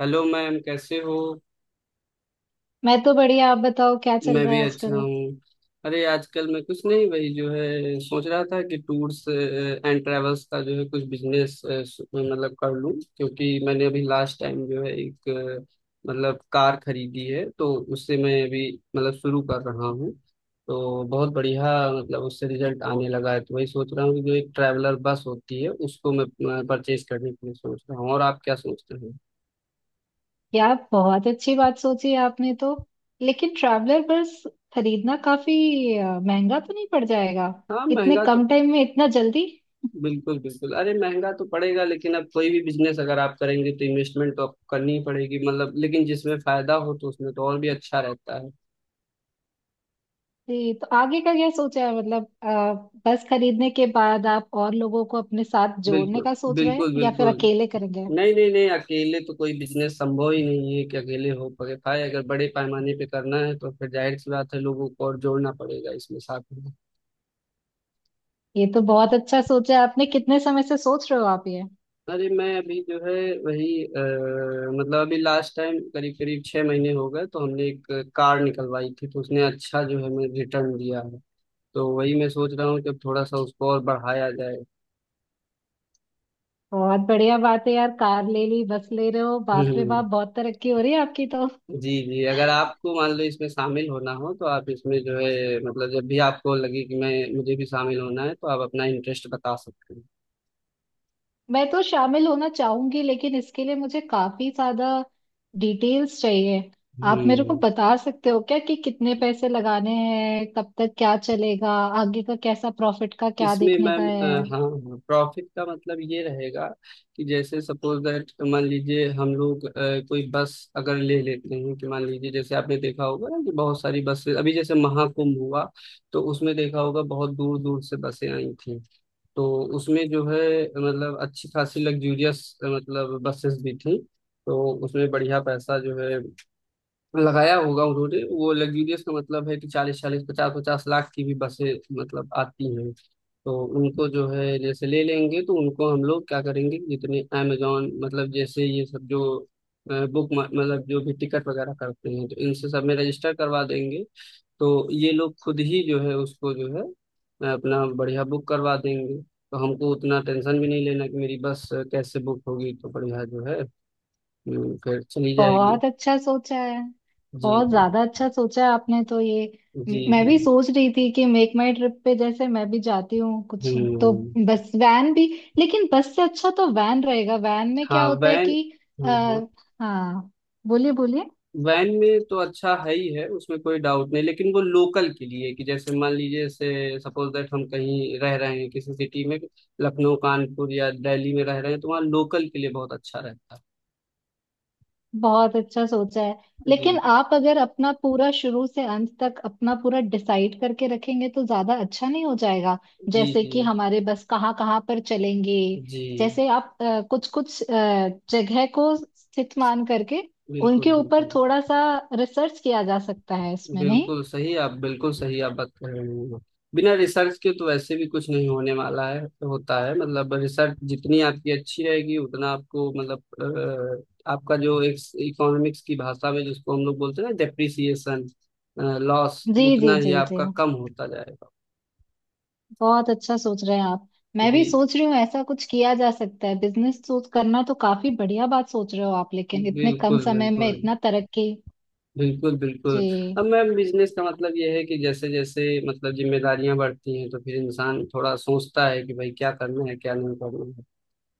Hello ma'am, कैसे हो? मैं तो बढ़िया। आप बताओ क्या चल मैं रहा भी है अच्छा आजकल। हूँ। अरे आजकल मैं कुछ नहीं, वही जो है सोच रहा था कि टूर्स एंड ट्रैवल्स का जो है कुछ बिजनेस मतलब कर लूँ, क्योंकि मैंने अभी लास्ट टाइम जो है एक मतलब कार खरीदी है, तो उससे मैं अभी मतलब शुरू कर रहा हूँ। तो बहुत बढ़िया, मतलब उससे रिजल्ट आने लगा है, तो वही सोच रहा हूँ कि जो एक ट्रैवलर बस होती है उसको मैं परचेज करने के लिए सोच रहा हूँ, और आप क्या सोचते हो? यार बहुत अच्छी बात सोची आपने तो। लेकिन ट्रैवलर बस खरीदना काफी महंगा तो नहीं पड़ जाएगा? हाँ, इतने महंगा। कम टाइम में इतना जल्दी? बिल्कुल बिल्कुल, अरे महंगा तो पड़ेगा, लेकिन अब कोई भी बिजनेस अगर आप करेंगे तो इन्वेस्टमेंट तो आपको करनी ही पड़ेगी, मतलब लेकिन जिसमें फायदा हो तो उसमें तो और भी अच्छा रहता है। जी तो आगे का क्या सोचा है? मतलब बस खरीदने के बाद आप और लोगों को अपने साथ जोड़ने बिल्कुल का सोच रहे हैं बिल्कुल। या फिर बिल्कुल। अकेले करेंगे? नहीं नहीं नहीं, अकेले तो कोई बिजनेस संभव ही नहीं है कि अकेले हो पके पाए, अगर बड़े पैमाने पे करना है तो फिर जाहिर सी बात है लोगों को और जोड़ना पड़ेगा इसमें साथ में। ये तो बहुत अच्छा सोचा है आपने। कितने समय से सोच रहे हो आप ये? अरे मैं अभी जो है, वही मतलब अभी लास्ट टाइम करीब करीब 6 महीने हो गए, तो हमने एक कार निकलवाई थी, तो उसने अच्छा जो है हमें रिटर्न दिया है, तो वही मैं सोच रहा हूँ कि अब थोड़ा सा उसको और बढ़ाया जाए। बहुत बढ़िया बात है यार। कार ले ली, बस ले रहे हो, बाप रे हम्म। बाप, बहुत तरक्की हो रही है आपकी तो। जी जी, अगर आपको मान लो इसमें शामिल होना हो तो आप इसमें जो है मतलब, जब भी आपको लगे कि मैं मुझे भी शामिल होना है, तो आप अपना इंटरेस्ट बता सकते हैं। मैं तो शामिल होना चाहूंगी लेकिन इसके लिए मुझे काफी ज्यादा डिटेल्स चाहिए। आप मेरे को हम्म। बता सकते हो क्या कि कितने पैसे लगाने हैं, कब तक क्या चलेगा, आगे का कैसा प्रॉफिट का क्या इसमें देखने का मैम है? हाँ, प्रॉफिट का मतलब ये रहेगा कि जैसे सपोज दैट मान लीजिए हम लोग कोई बस अगर ले लेते हैं, कि मान लीजिए जैसे आपने देखा होगा ना कि बहुत सारी बसें अभी जैसे महाकुंभ हुआ, तो उसमें देखा होगा बहुत दूर दूर से बसें आई थी। तो उसमें जो है मतलब अच्छी खासी लग्जूरियस मतलब बसेस भी थी, तो उसमें बढ़िया पैसा जो है लगाया होगा उन्होंने। वो लग्जूरियस का मतलब है कि चालीस चालीस पचास पचास लाख की भी बसें मतलब आती हैं। तो उनको जो है जैसे ले लेंगे तो उनको हम लोग क्या करेंगे कि जितने अमेजोन मतलब जैसे ये सब जो बुक मतलब जो भी टिकट वगैरह करते हैं तो इनसे सब में रजिस्टर करवा देंगे। तो ये लोग खुद ही जो है उसको जो है अपना बढ़िया बुक करवा देंगे, तो हमको उतना टेंशन भी नहीं लेना कि मेरी बस कैसे बुक होगी, तो बढ़िया जो है फिर चली जाएगी। बहुत अच्छा सोचा है। जी बहुत जी ज्यादा अच्छा सोचा है आपने तो ये। जी मैं जी। भी सोच रही थी कि मेक माई ट्रिप पे जैसे मैं भी जाती हूँ कुछ। तो हम्म। बस वैन भी। लेकिन बस से अच्छा तो वैन रहेगा। वैन में क्या हाँ, होता है वैन। कि आ, हम्म, हाँ, बोलिए बोलिए। वैन में तो अच्छा है ही है, उसमें कोई डाउट नहीं, लेकिन वो लोकल के लिए, कि जैसे मान लीजिए से सपोज दैट हम कहीं रह रहे हैं किसी सिटी में, लखनऊ कानपुर या दिल्ली में रह रहे हैं तो वहाँ लोकल के लिए बहुत अच्छा रहता है। बहुत अच्छा सोचा है। लेकिन जी आप अगर अपना पूरा शुरू से अंत तक अपना पूरा डिसाइड करके रखेंगे तो ज्यादा अच्छा नहीं हो जाएगा? जी जैसे जी कि हमारे बस कहाँ कहाँ पर चलेंगे। जी। जैसे आप कुछ कुछ जगह को स्थित मान करके उनके बिल्कुल ऊपर बिल्कुल। थोड़ा सा रिसर्च किया जा सकता है इसमें, नहीं? बिल्कुल सही आप, बिल्कुल सही आप बात कर रहे हैं, बिना रिसर्च के तो वैसे भी कुछ नहीं होने वाला है। होता है मतलब रिसर्च जितनी आपकी अच्छी रहेगी उतना आपको मतलब आपका जो एक इकोनॉमिक्स की भाषा में जिसको हम लोग बोलते हैं ना डेप्रिसिएशन लॉस जी जी उतना ही जी जी। आपका कम होता जाएगा। बहुत अच्छा सोच रहे हैं आप। मैं भी जी। सोच रही हूँ ऐसा कुछ किया जा सकता है। बिजनेस सोच करना तो काफी बढ़िया बात सोच रहे हो आप, लेकिन इतने कम बिल्कुल समय में बिल्कुल। इतना तरक्की। बिल्कुल जी, बिल्कुल। अब मैम बिजनेस का मतलब यह है कि जैसे जैसे मतलब जिम्मेदारियां बढ़ती हैं तो फिर इंसान थोड़ा सोचता है कि भाई क्या करना है क्या नहीं करना है,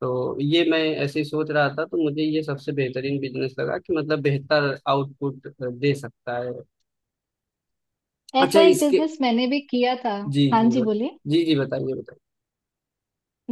तो ये मैं ऐसे ही सोच रहा था, तो मुझे ये सबसे बेहतरीन बिजनेस लगा कि मतलब बेहतर आउटपुट दे सकता है। अच्छा ऐसा एक इसके। बिजनेस मैंने भी किया था। जी हाँ जी जी बोलिए। जी जी बताइए बताइए।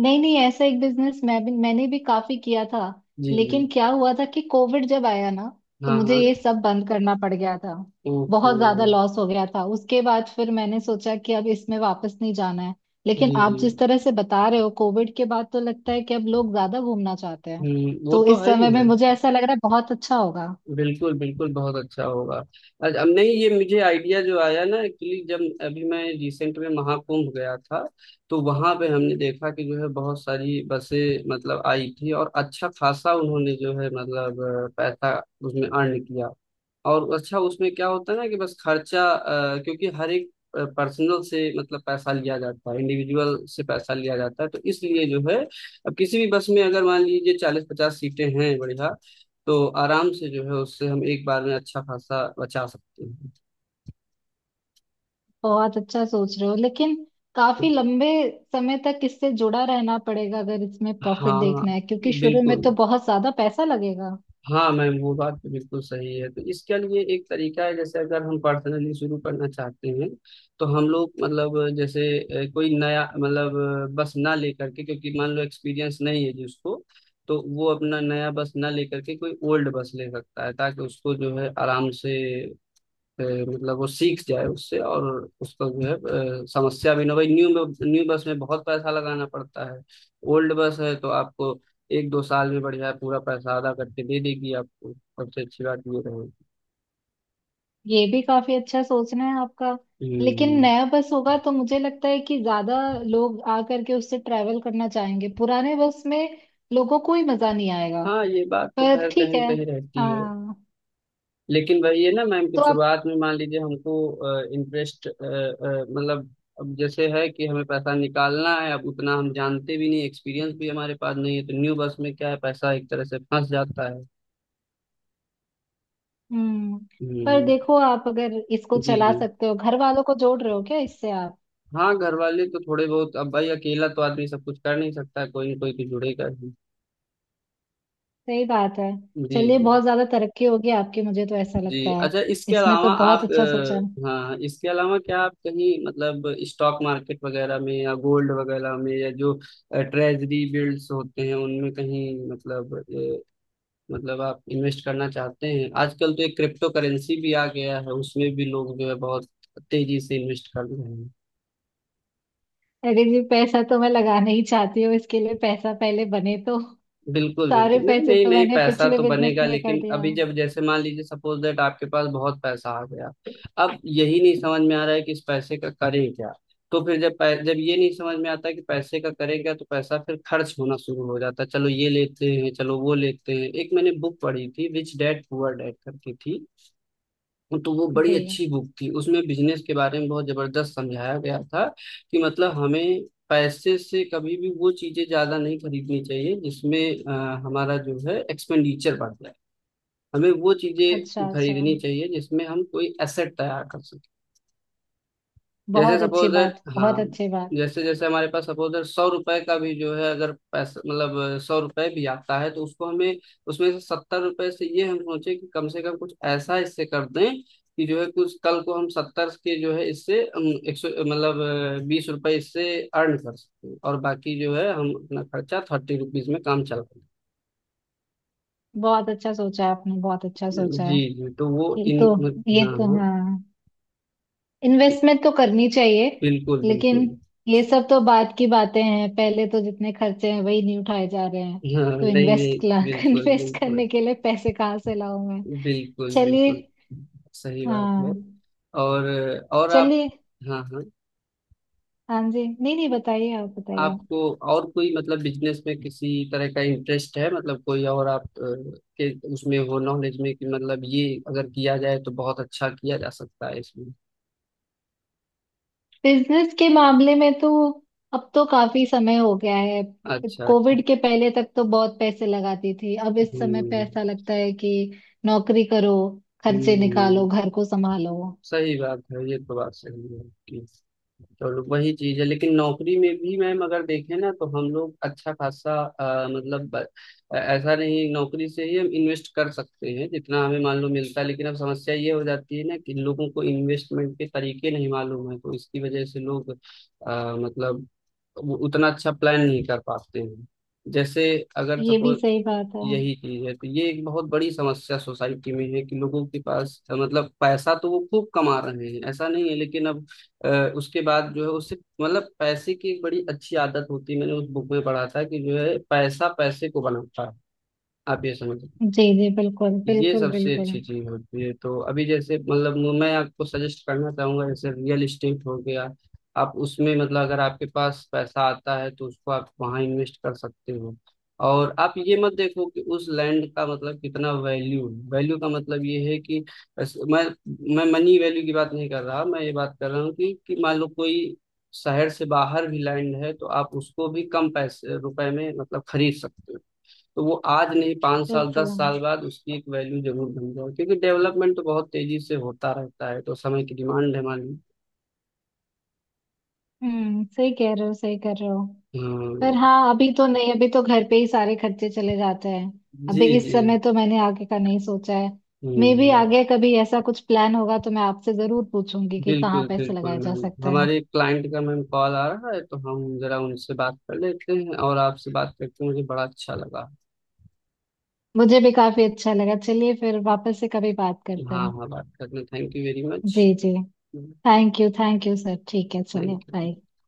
नहीं नहीं, ऐसा एक बिजनेस मैं भी, मैंने भी काफी किया था। जी जी। लेकिन क्या हुआ था कि कोविड जब आया ना, तो हाँ मुझे हाँ। ये सब बंद करना पड़ गया था। ओके। बहुत ज्यादा लॉस हो गया था। उसके बाद फिर मैंने सोचा कि अब इसमें वापस नहीं जाना है। लेकिन जी जी। आप जिस तरह से बता रहे हो, कोविड के बाद तो लगता है कि अब लोग ज्यादा घूमना चाहते हैं। हम्म, वो तो तो इस है समय ही में है। मुझे ऐसा लग रहा है बहुत अच्छा होगा। बिल्कुल बिल्कुल, बहुत अच्छा होगा। अब नहीं, ये मुझे आइडिया जो आया ना एक्चुअली, जब अभी मैं रिसेंट में महाकुंभ गया था तो वहां पे हमने देखा कि जो है बहुत सारी बसें मतलब आई थी, और अच्छा खासा उन्होंने जो है मतलब पैसा उसमें अर्न किया, और अच्छा उसमें क्या होता है ना कि बस खर्चा क्योंकि हर एक पर्सनल से मतलब पैसा लिया जाता है, इंडिविजुअल से पैसा लिया जाता है, तो इसलिए जो है अब किसी भी बस में अगर मान लीजिए 40-50 सीटें हैं, बढ़िया। तो आराम से जो है उससे हम एक बार में अच्छा खासा बचा सकते हैं। बहुत अच्छा सोच रहे हो, लेकिन काफी लंबे समय तक इससे जुड़ा रहना पड़ेगा अगर इसमें प्रॉफिट हाँ। देखना है, क्योंकि शुरू में तो बिल्कुल। बहुत ज्यादा पैसा लगेगा। हाँ मैम वो बात तो बिल्कुल सही है। तो इसके लिए एक तरीका है, जैसे अगर हम पर्सनली शुरू करना चाहते हैं तो हम लोग मतलब जैसे कोई नया मतलब बस ना लेकर के, क्योंकि मान लो एक्सपीरियंस नहीं है जिसको, तो वो अपना नया बस ना लेकर के कोई ओल्ड बस ले सकता है, ताकि उसको जो है आराम से मतलब वो सीख जाए उससे, और उसका जो है समस्या भी ना हो। भाई न्यू न्यू बस में बहुत पैसा लगाना पड़ता है। ओल्ड बस है तो आपको एक दो साल में बढ़िया पूरा पैसा अदा करके दे देगी, आपको सबसे अच्छी बात ये रहेगी। ये भी काफी अच्छा सोचना है आपका। लेकिन हम्म। नया बस होगा तो मुझे लगता है कि ज्यादा लोग आ करके उससे ट्रैवल करना चाहेंगे। पुराने बस में लोगों को ही मजा नहीं आएगा। हाँ, ये बात तो पर खैर ठीक कहीं न है, कहीं रहती है। हाँ। लेकिन भाई ये ना मैम कि तो आप। शुरुआत में मान लीजिए हमको इंटरेस्ट मतलब, अब जैसे है कि हमें पैसा निकालना है, अब उतना हम जानते भी नहीं, एक्सपीरियंस भी हमारे पास नहीं है, तो न्यू बस में क्या है पैसा एक तरह से फंस जाता है। हम्म। पर हम्म, देखो, आप अगर इसको जी चला जी। सकते हो, घर वालों को जोड़ रहे हो क्या इससे आप? हाँ, घर वाले तो थोड़े बहुत, अब भाई अकेला तो आदमी सब कुछ कर नहीं सकता, कोई ना कोई तो जुड़ेगा ही। सही बात है। जी चलिए, जी। बहुत ज्यादा तरक्की होगी आपकी, मुझे तो ऐसा लगता जी, है। अच्छा इसके इसमें तो अलावा बहुत आप अच्छा सोचा। हाँ इसके अलावा क्या आप कहीं मतलब स्टॉक मार्केट वगैरह में या गोल्ड वगैरह में या जो ट्रेजरी बिल्ड्स होते हैं उनमें कहीं मतलब मतलब आप इन्वेस्ट करना चाहते हैं? आजकल तो एक क्रिप्टो करेंसी भी आ गया है, उसमें भी लोग जो है बहुत तेजी से इन्वेस्ट कर रहे हैं। अरे जी, पैसा तो मैं लगाना ही चाहती हूँ, इसके लिए पैसा पहले बने तो। बिल्कुल सारे बिल्कुल, नहीं पैसे नहीं तो नहीं, मैंने पैसा पिछले तो बिजनेस बनेगा, में कर लेकिन दिया। अभी जब जैसे मान लीजिए सपोज दैट आपके पास बहुत पैसा आ गया, अब यही नहीं समझ में आ रहा है कि इस पैसे का करें क्या। तो फिर जब ये नहीं समझ में आता कि पैसे का करें क्या, तो पैसा फिर खर्च होना शुरू हो जाता है, चलो ये लेते हैं, चलो वो लेते हैं। एक मैंने बुक पढ़ी थी रिच डैड पुअर डैड करके थी, तो वो बड़ी जी, अच्छी बुक थी, उसमें बिजनेस के बारे में बहुत जबरदस्त समझाया गया था कि मतलब हमें पैसे से कभी भी वो चीजें ज्यादा नहीं खरीदनी चाहिए जिसमें हमारा जो है एक्सपेंडिचर बढ़ जाए, हमें वो अच्छा चीजें अच्छा। खरीदनी चाहिए जिसमें हम कोई एसेट तैयार कर सकें। जैसे बहुत सपोज अच्छी दैट, बात, हाँ, बहुत अच्छी बात। जैसे जैसे हमारे पास सपोज दैट 100 रुपए का भी जो है, अगर पैसा मतलब 100 रुपए भी आता है, तो उसको हमें उसमें से 70 रुपए से ये हम सोचे कि कम से कम कुछ ऐसा इससे कर दें कि जो है कुछ कल को हम सत्तर के जो है इससे 100 मतलब 20 रुपए इससे अर्न कर सकते हैं, और बाकी जो है हम अपना खर्चा 30 रुपीज में काम चला लें। बहुत अच्छा सोचा आपने, बहुत अच्छा सोचा। जी जी तो वो ये इन, तो, ये हाँ तो हाँ। हाँ, इन्वेस्टमेंट तो करनी चाहिए। बिल्कुल लेकिन बिल्कुल। ये सब तो बाद की बातें हैं। पहले तो जितने खर्चे हैं वही नहीं उठाए जा रहे हैं। हाँ, तो नहीं नहीं, इन्वेस्ट बिल्कुल इन्वेस्ट बिल्कुल। करने के लिए पैसे कहाँ से लाऊं मैं। बिल्कुल चलिए। बिल्कुल, सही बात है। हाँ। और और आप, चलिए। हाँ हाँ, हाँ जी, नहीं नहीं, बताइए आप, बताइए। आपको और कोई मतलब बिजनेस में किसी तरह का इंटरेस्ट है? मतलब कोई और आप के उसमें हो नॉलेज में कि मतलब ये अगर किया जाए तो बहुत अच्छा किया जा सकता है इसमें। बिजनेस के मामले में तो अब तो काफी समय हो गया है। अच्छा अच्छा। कोविड के पहले तक तो बहुत पैसे लगाती थी। अब इस समय पे हम्म ऐसा लगता है कि नौकरी करो, खर्चे हम्म हम्म। निकालो, घर को संभालो। सही बात है, ये तो बात सही है आपकी। चलो वही चीज है, लेकिन नौकरी में भी मैम अगर देखें ना तो हम लोग अच्छा खासा अ, मतलब ब- ऐसा नहीं, नौकरी से ही हम इन्वेस्ट कर सकते हैं जितना हमें मान लो मिलता है, लेकिन अब समस्या ये हो जाती है ना कि लोगों को इन्वेस्टमेंट के तरीके नहीं मालूम है, तो इसकी वजह से लोग मतलब वो उतना अच्छा प्लान नहीं कर पाते हैं। जैसे अगर ये भी सपोज सही बात है। यही चीज है, तो ये एक बहुत बड़ी समस्या सोसाइटी में है कि लोगों के पास मतलब पैसा तो वो खूब कमा रहे हैं ऐसा नहीं है, लेकिन अब अ, उसके बाद जो है उससे मतलब पैसे की एक बड़ी अच्छी आदत होती है, मैंने उस बुक में पढ़ा था कि जो है पैसा पैसे को बनाता है, आप ये समझ। जी जी, बिल्कुल ये बिल्कुल सबसे बिल्कुल अच्छी चीज होती है, तो अभी जैसे मतलब मैं आपको सजेस्ट करना चाहूंगा जैसे रियल इस्टेट हो गया, आप उसमें मतलब अगर आपके पास पैसा आता है तो उसको आप वहां इन्वेस्ट कर सकते हो। और आप ये मत देखो कि उस लैंड का मतलब कितना वैल्यू है, वैल्यू का मतलब ये है कि बस- मैं मैं मनी वैल्यू की बात नहीं कर रहा, मैं ये बात कर रहा हूँ कि मान लो कोई शहर से बाहर भी लैंड है, तो आप उसको भी कम पैसे रुपए में मतलब खरीद सकते हो। तो वो आज नहीं 5 साल दस बिल्कुल। साल बाद उसकी एक वैल्यू जरूर बन जाए, क्योंकि डेवलपमेंट तो बहुत तेजी से होता रहता है, तो समय की डिमांड है हमारी। हम्म, सही कह रहे हो, सही कर रहे हो। पर हम्म, हाँ, अभी तो नहीं। अभी तो घर पे ही सारे खर्चे चले जाते हैं। जी अभी इस जी। समय तो मैंने आगे का नहीं सोचा है। मे भी हम्म, आगे कभी ऐसा कुछ प्लान होगा तो मैं आपसे जरूर पूछूंगी कि कहाँ बिल्कुल पैसे बिल्कुल लगाए जा मैम, सकते हैं। हमारे क्लाइंट का मैम कॉल आ रहा है, तो हम जरा उनसे बात कर लेते हैं, और आपसे बात करके मुझे बड़ा अच्छा लगा। मुझे भी काफी अच्छा लगा। चलिए, फिर वापस से कभी बात करते हाँ हैं। हाँ बात करने थैंक यू वेरी मच। जी जी। Thank you, thank you sir. ठीक है, चलिए, थैंक यू। बाय।